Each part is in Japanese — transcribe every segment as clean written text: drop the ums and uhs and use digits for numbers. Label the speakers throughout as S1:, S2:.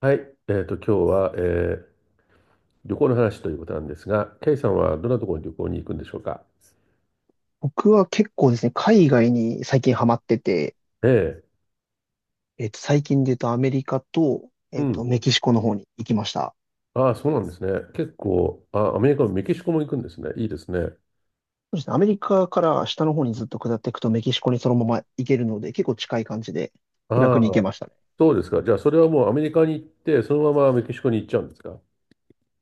S1: はい、今日は、旅行の話ということなんですが、ケイさんはどんなところに旅行に行くんでしょうか？
S2: 僕は結構ですね、海外に最近ハマってて、
S1: ええ、
S2: 最近で言うとアメリカと、
S1: うん。
S2: メキシコの方に行きました。
S1: ああ、そうなんですね。結構、あ、アメリカもメキシコも行くんですね。いいですね。
S2: そうですね、アメリカから下の方にずっと下っていくとメキシコにそのまま行けるので、結構近い感じで気
S1: ああ、
S2: 楽に行けましたね。
S1: そうですか。じゃあ、それはもうアメリカに行って、そのままメキシコに行っちゃうんですか？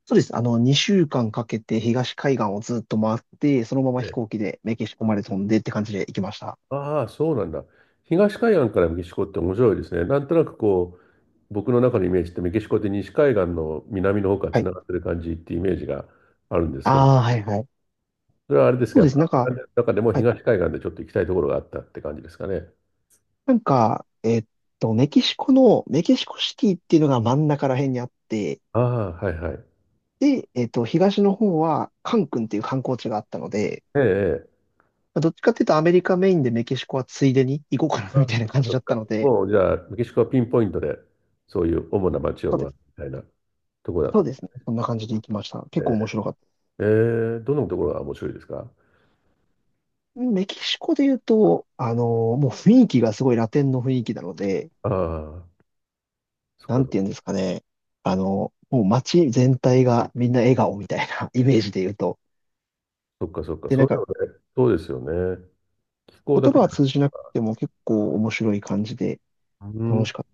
S2: そうです。2週間かけて東海岸をずっと回って、そのまま
S1: え
S2: 飛
S1: え。
S2: 行機でメキシコまで飛んでって感じで行きました。
S1: ああ、そうなんだ。東海岸からメキシコって面白いですね。なんとなくこう、僕の中のイメージってメキシコって西海岸の南の方から
S2: は
S1: つ
S2: い。
S1: ながってる感じってイメージがあるんですけど、
S2: ああ、はいはい。
S1: それはあれです
S2: そ
S1: か、
S2: う
S1: やっ
S2: で
S1: ぱ、
S2: す。なんか、
S1: 中でも
S2: はい。
S1: 東海岸でちょっと行きたいところがあったって感じですかね。
S2: なんか、メキシコシティっていうのが真ん中ら辺にあって、
S1: ああ、はいはい。
S2: で、東の方は、カン君っていう観光地があったので、
S1: ええ、ええ。
S2: まあどっちかっていうとアメリカメインでメキシコはついでに行こうかな
S1: あ
S2: み
S1: あ、そ
S2: たいな
S1: っ
S2: 感
S1: か
S2: じ
S1: そっ
S2: だった
S1: か。
S2: ので、
S1: もう、じゃあ、メキシコはピンポイントで、そういう主な街を
S2: そうで
S1: 回る
S2: す。
S1: みたいなところだっ
S2: そ
S1: た
S2: う
S1: ん
S2: です
S1: で
S2: ね。そんな感じで行きました。
S1: す
S2: 結構
S1: ね。
S2: 面白かっ
S1: ええ、どのところが面白いですか？
S2: た。メキシコで言うと、もう雰囲気がすごいラテンの雰囲気なので、
S1: ああ、そっ
S2: なん
S1: か、
S2: て言うんですかね。もう街全体がみんな笑顔みたいな イメージで言うと。
S1: そっか、そっか。
S2: で、
S1: そ
S2: な
S1: う
S2: ん
S1: いうの
S2: か、
S1: ね、そうですよね。気候だ
S2: 言葉
S1: け。
S2: は通じなくても結構面白い感じで
S1: う
S2: 楽
S1: ん。
S2: しかった。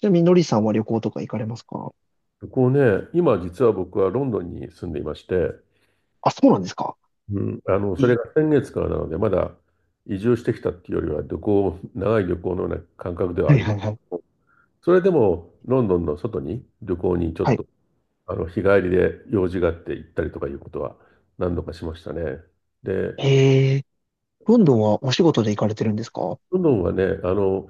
S2: ちなみに、のりさんは旅行とか行かれますか？
S1: こうね、今実は僕はロンドンに住んでいまして、
S2: あ、そうなんですか。
S1: うん、それ
S2: え
S1: が先月からなので、まだ移住してきたっていうよりは、旅行、長い旅行のような感覚では
S2: は
S1: あ
S2: い
S1: りま
S2: は
S1: す。
S2: いはい。
S1: それでも、ロンドンの外に旅行にちょっ
S2: はい。
S1: と、日帰りで用事があって行ったりとかいうことは何度かしましたね。で、
S2: えー、ロンドンはお仕事で行かれてるんですか？は
S1: ロンドンはね、あの、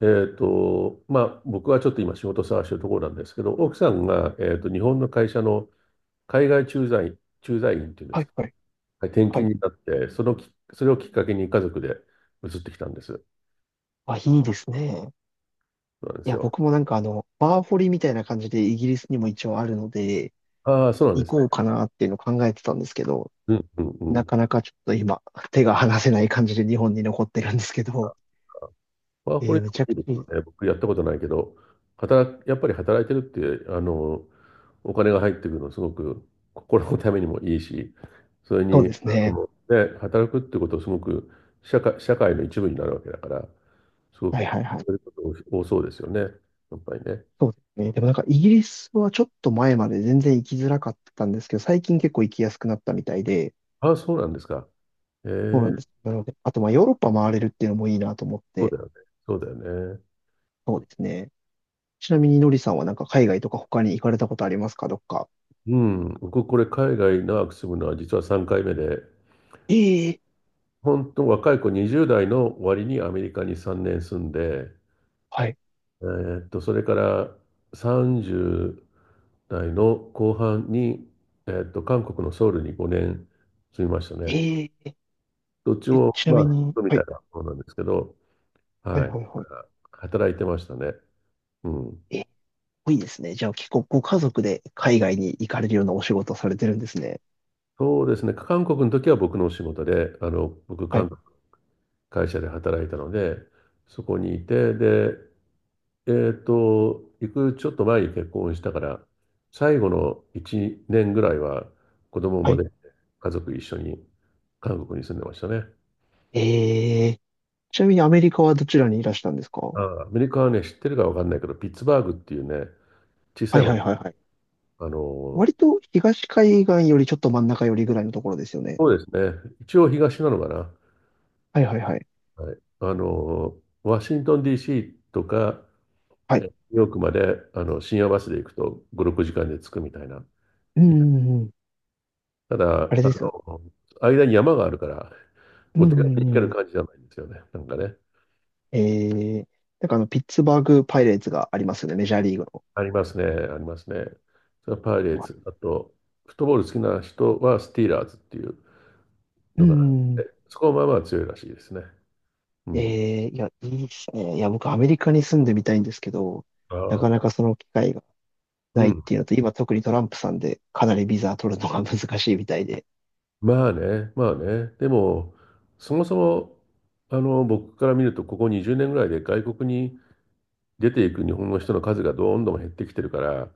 S1: えっと、まあ、僕はちょっと今仕事探してるところなんですけど、奥さんが、日本の会社の海外駐在員、駐在員っていうんです
S2: い
S1: か、
S2: はい
S1: はい転
S2: は
S1: 勤
S2: い。
S1: になって、そのき、それをきっかけに家族で移ってきたんです。
S2: あ、いいですね。
S1: そうなんで
S2: い
S1: す
S2: や、
S1: よ。
S2: 僕もなんかバーホリみたいな感じでイギリスにも一応あるので、
S1: ああ、そうなんで
S2: 行
S1: すね。
S2: こうかなっていうのを考えてたんですけど、
S1: うんうんう
S2: な
S1: ん。
S2: かなかちょっと今、手が離せない感じで日本に残ってるんですけど、
S1: ワーホリで
S2: め
S1: も
S2: ちゃ
S1: い
S2: く
S1: い
S2: ち
S1: で
S2: ゃ
S1: す
S2: い
S1: よ
S2: い、
S1: ね。僕やったことないけど、やっぱり働いてるって、お金が入ってくるのすごく心のためにもいいし、それ
S2: そう
S1: に、
S2: です
S1: あ
S2: ね。
S1: の、ね、働くってことをすごく社会の一部になるわけだから、すご
S2: はい
S1: く
S2: はいは
S1: そういう
S2: い。
S1: こと多そうですよね。やっぱりね。
S2: そうですね。でもなんかイギリスはちょっと前まで全然行きづらかったんですけど、最近結構行きやすくなったみたいで、
S1: ああ、そうなんですか。え
S2: そうな
S1: え、
S2: んです。なので、あと、まあ、ヨーロッパ回れるっていうのもいいなと思っ
S1: そう
S2: て、
S1: だよね。そうだよね。
S2: そうですね。ちなみに、のりさんはなんか海外とか他に行かれたことありますか、どっか？
S1: うん、僕これ海外長く住むのは実は3回目で、
S2: ええ
S1: 本当若い子20代の終わりにアメリカに3年住んで、
S2: はい。
S1: それから30代の後半に、韓国のソウルに5年住みましたね。
S2: ええ
S1: どっち
S2: え
S1: も、
S2: ちな
S1: ま
S2: み
S1: あ、
S2: に、
S1: み
S2: は
S1: たい
S2: い、
S1: なものなんですけど、
S2: は
S1: は
S2: い、
S1: い。だ
S2: はい、は
S1: から働いてましたね。うん。
S2: い。いいですね。じゃあ、結構ご家族で海外に行かれるようなお仕事をされてるんですね。
S1: そうですね。韓国の時は僕のお仕事で、僕、
S2: は
S1: 韓
S2: い、
S1: 国会社で働いたので、そこにいて、で、行くちょっと前に結婚したから、最後の1年ぐらいは子供
S2: は
S1: ま
S2: い。
S1: で家族一緒に韓国に住んでましたね。
S2: ええちなみにアメリカはどちらにいらしたんですか？は
S1: ああアメリカはね、知ってるかわかんないけど、ピッツバーグっていうね、小
S2: い、は
S1: さい
S2: い、
S1: 町、
S2: はい、はい。
S1: あの、
S2: 割と東海岸よりちょっと真ん中よりぐらいのところですよね。
S1: そうですね、一応東なのかな。
S2: はい、はい、はい。
S1: はい、ワシントン DC とか、
S2: は
S1: ニ
S2: い。
S1: ューヨークまであの深夜バスで行くと5、6時間で着くみたいな。
S2: うん、うんうん、
S1: ただ、
S2: あれ
S1: あ
S2: ですよね。
S1: の、間に山があるから、
S2: う
S1: お
S2: ん
S1: 手
S2: う
S1: 軽に行け
S2: ん
S1: る
S2: うん、
S1: 感じじゃないんですよね。なんかね。
S2: えー、なんかピッツバーグパイレーツがありますよね、メジャーリーグの。
S1: ありますね。ありますね。それはパイレー
S2: はい。
S1: ツ。あと、フットボール好きな人はスティーラーズっていう
S2: う
S1: のがあっ
S2: ん。
S1: てそこはまあまあ強いらしいですね。うん。
S2: いや、いいですね。いや、僕、アメリカに住んでみたいんですけど、
S1: あ
S2: なか
S1: あ、
S2: なかその機会が
S1: う
S2: ないっ
S1: ん。
S2: ていうのと、今、特にトランプさんで、かなりビザ取るのが難しいみたいで。
S1: まあね。まあね。でも、そもそも、僕から見ると、ここ20年ぐらいで外国に出ていく日本の人の数がどんどん減ってきてるから、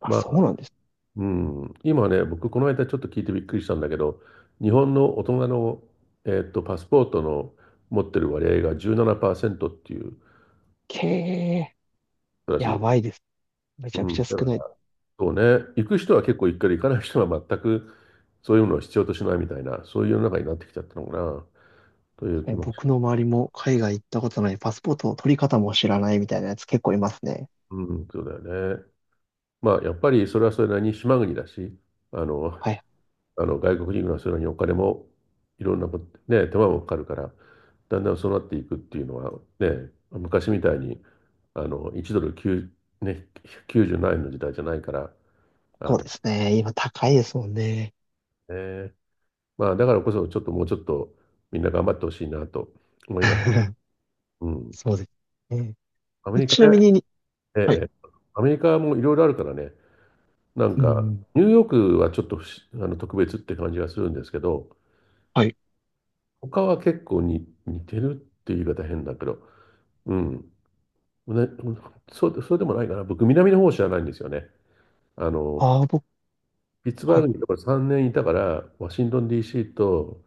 S2: あ、
S1: ま
S2: そうなんです。
S1: うん、今ね、僕、この間ちょっと聞いてびっくりしたんだけど、日本の大人の、パスポートの持ってる割合が17%っていう
S2: けえ、
S1: らし
S2: や
S1: い。
S2: ばいです。め
S1: う
S2: ちゃくちゃ
S1: ん、
S2: 少
S1: だか
S2: ない。
S1: らそうね、行く人は結構行くけど、行かない人は全くそういうのを必要としないみたいな、そういう世の中になってきちゃったのかな、という気もし
S2: 僕
S1: ま
S2: の
S1: す。
S2: 周りも海外行ったことない、パスポートの取り方も知らないみたいなやつ結構いますね。
S1: うん、そうだよね。まあ、やっぱりそれはそれなりに島国だし、あの、
S2: はい。
S1: あの外国人がそれにお金もいろんなこと、ね、手間もかかるから、だんだんそうなっていくっていうのは、ね、昔みたいにあの1ドル9、ね、97円の時代じゃないから、あ
S2: そう
S1: の
S2: ですね。今、高いですもんね。
S1: ね、まあ、だからこそ、ちょっともうちょっとみんな頑張ってほしいなと思います。うん、
S2: そうですね。
S1: アメリカ
S2: ちな
S1: ね、
S2: みに、はい。
S1: ええ、アメリカもいろいろあるからね、なん
S2: う
S1: か、
S2: ん。
S1: ニューヨークはちょっと不思あの特別って感じがするんですけど、
S2: はい。
S1: 他は結構に似てるっていう言い方変だけど、うん、ね、そうでもないかな。僕、南の方知らないんですよね。あの、
S2: ああ、僕、
S1: ピッツバ
S2: は
S1: ーグ
S2: い。
S1: にだから3年いたから、ワシントン DC と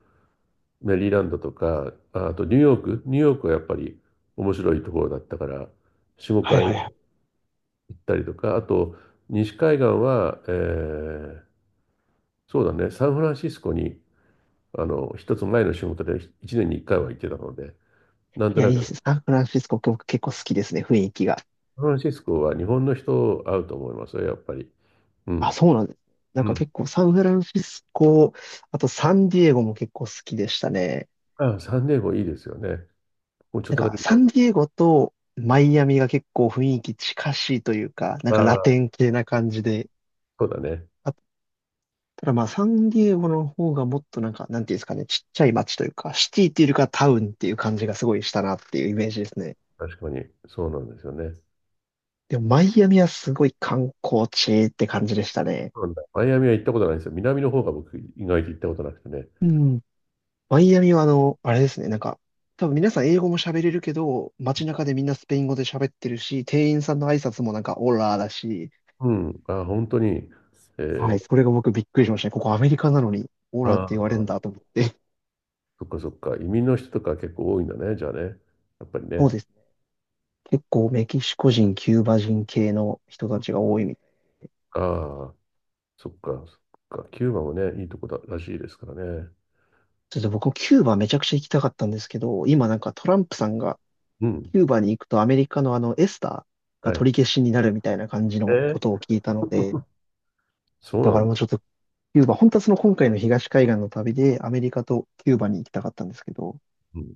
S1: メリーランドとか、とニューヨーク、ニューヨークはやっぱり面白いところだったから、4、
S2: は
S1: 5
S2: い
S1: 回
S2: はい
S1: 行
S2: はい。
S1: ったりとか、あと、西海岸は、ーそうだね、サンフランシスコに、一つ前の仕事で1年に1回は行ってたので、なん
S2: い
S1: と
S2: や、
S1: な
S2: いいで
S1: く、
S2: す。サンフランシスコ、僕結構好きですね、雰囲気が。
S1: サンフランシスコは日本の人会うと思いますよ、やっぱり。う
S2: あ、
S1: ん。
S2: そうなんですね。なん
S1: う
S2: か
S1: ん。
S2: 結構サンフランシスコ、あとサンディエゴも結構好きでしたね。
S1: あ、サンディエゴいいですよね。もうちょっ
S2: なん
S1: とだ
S2: か
S1: けそ
S2: サン
S1: う
S2: ディエゴとマイアミが結構雰囲気近しいというか、なん
S1: だ。
S2: かラ
S1: ああ、
S2: テン系な感じで。
S1: そうだね。
S2: あ、ただまあサンディエゴの方がもっとなんか、なんていうんですかね、ちっちゃい街というか、シティっていうよりかはタウンっていう感じがすごいしたなっていうイメージですね。
S1: 確かに。そうなんですよね。
S2: でも、マイアミはすごい観光地って感じでしたね。
S1: そうなんだ。マイアミは行ったことないんですよ。南の方が僕、意外と行ったことなくてね。
S2: うん。マイアミはあれですね、なんか、多分皆さん英語も喋れるけど、街中でみんなスペイン語で喋ってるし、店員さんの挨拶もなんかオラーだし、
S1: うん。ああ、本当に。え
S2: はい、
S1: ー、
S2: それが僕びっくりしましたね。ここアメリカなのにオ
S1: あ
S2: ラーって言われるんだ
S1: あ、
S2: と思って。
S1: そっかそっか。移民の人とか結構多いんだね。じゃあね。やっぱり
S2: そう
S1: ね。
S2: ですね。結構メキシコ人、キューバ人系の人たちが多いみたい。
S1: ああ、そっか、そっか。キューバもね、いいとこだらしいですからね。
S2: ちょっ僕もキューバめちゃくちゃ行きたかったんですけど、今なんかトランプさんが
S1: うん。
S2: キューバに行くとアメリカのエスターが
S1: はい。
S2: 取り消しになるみたいな感じのこ
S1: え
S2: と
S1: ー、
S2: を聞いたので、
S1: そう
S2: だ
S1: な
S2: か
S1: ん
S2: ら
S1: だ。
S2: もうちょっとキューバ、本当はその今回の東海岸の旅でアメリカとキューバに行きたかったんですけど、ちょ
S1: うん。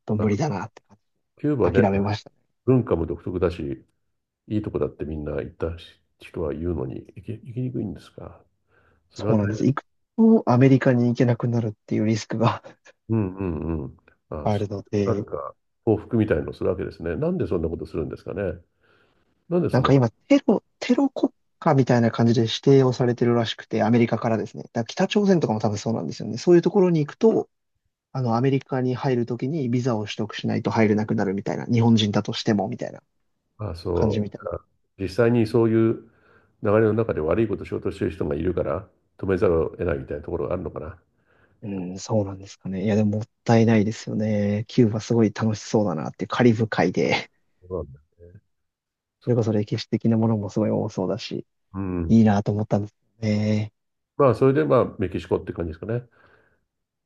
S2: っと無理だ
S1: あ、
S2: なって感
S1: キューバね、
S2: じ諦めましたね。
S1: 文化も独特だし、いいとこだってみんな行った人は言うのに、行きにくいんですか？そ
S2: そ
S1: れは大
S2: うなんで
S1: 変だ。
S2: す。行くとアメリカに行けなくなるっていうリスクが
S1: うんうんうん。ああ、
S2: あ
S1: そ
S2: るの
S1: う、なん
S2: で、
S1: か、報復みたいのをするわけですね。なんでそんなことするんですかね。なんで
S2: な
S1: そ
S2: んか
S1: の、
S2: 今テロ国家みたいな感じで指定をされてるらしくて、アメリカからですね。だから北朝鮮とかも多分そうなんですよね。そういうところに行くと、アメリカに入るときにビザを取得しないと入れなくなるみたいな、日本人だとしてもみたいな
S1: ああ、
S2: 感じみ
S1: そ
S2: たいな。
S1: う。実際にそういう流れの中で悪いことをしようとしている人がいるから、止めざるを得ないみたいなところがあるのかな。
S2: うん、そうなんですかね。いや、でももったいないですよね。キューバすごい楽しそうだなってカリブ海で、
S1: そうなんだ。
S2: それこそ歴史的なものもすごい多そうだし、
S1: う
S2: い
S1: ん。
S2: いなと思ったんですよね。
S1: まあ、それで、まあ、メキシコって感じですかね。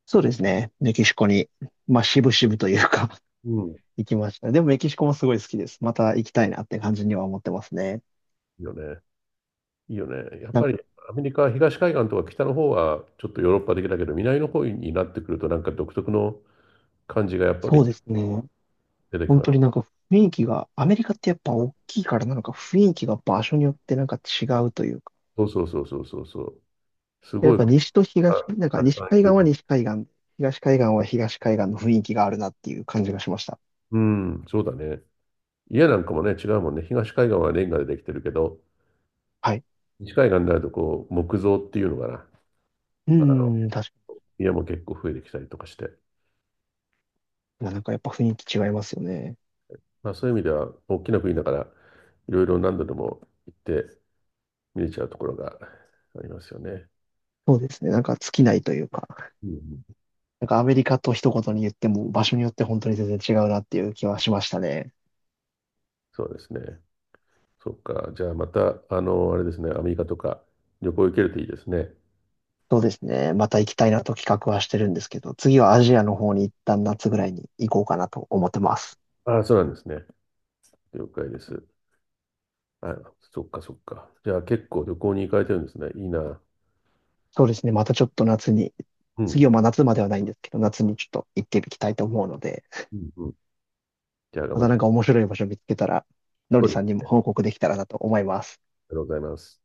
S2: そうですね。メキシコに、まあ、渋々というか
S1: うん。い
S2: 行きました。でもメキシコもすごい好きです。また行きたいなって感じには思ってますね。
S1: いよね。いいよね。やっ
S2: なん
S1: ぱ
S2: か
S1: り、アメリカ、東海岸とか北の方は、ちょっとヨーロッパ的だけど、南の方になってくると、なんか独特の感じがやっぱ
S2: そう
S1: り
S2: ですね。
S1: 出てき
S2: 本
S1: ま
S2: 当
S1: す。
S2: になんか雰囲気が、アメリカってやっぱ大きいからなのか雰囲気が場所によってなんか違
S1: うん。
S2: うというか、
S1: そうそうそうそうそうそう。す
S2: やっ
S1: ごい、
S2: ぱ西と東、なんか西海岸は西海岸で、東海岸は東海岸の雰囲気があるなっていう感じがしました。
S1: うん、そうだね。家なんかもね、違うもんね。東海岸はレンガでできてるけど、
S2: はい。
S1: 西海岸になるとこう、木造っていうのかな。
S2: う
S1: まあ
S2: ーん、確か
S1: 家も結構増えてきたりとかして。
S2: に。なんかやっぱ雰囲気違いますよね。
S1: まあそういう意味では、大きな国だから、いろいろ何度でも行って見れちゃうところがありますよね。
S2: そうですね。なんか尽きないというか、
S1: うんうん、
S2: なんかアメリカと一言に言っても場所によって本当に全然違うなっていう気はしましたね。
S1: そうですね。そっか。じゃあまた、あれですね、アメリカとか旅行行けるといいですね。
S2: そうですね。また行きたいなと企画はしてるんですけど、次はアジアの方に一旦夏ぐらいに行こうかなと思ってます。
S1: ああ、そうなんですね。了解です。あ、そっかそっか。じゃあ結構旅行に行かれてるんですね。いいな。
S2: そうですね。またちょっと夏に、
S1: う
S2: 次
S1: ん。
S2: はまあ夏まではないんですけど、夏にちょっと行っていきたいと思うので、
S1: うんうん。じゃあ、頑
S2: ま
S1: 張っ
S2: たな
S1: て。
S2: んか面白い場所見つけたら、の
S1: そ
S2: り
S1: うで
S2: さん
S1: す。
S2: にも報告できたらなと思います。
S1: ありがとうございます。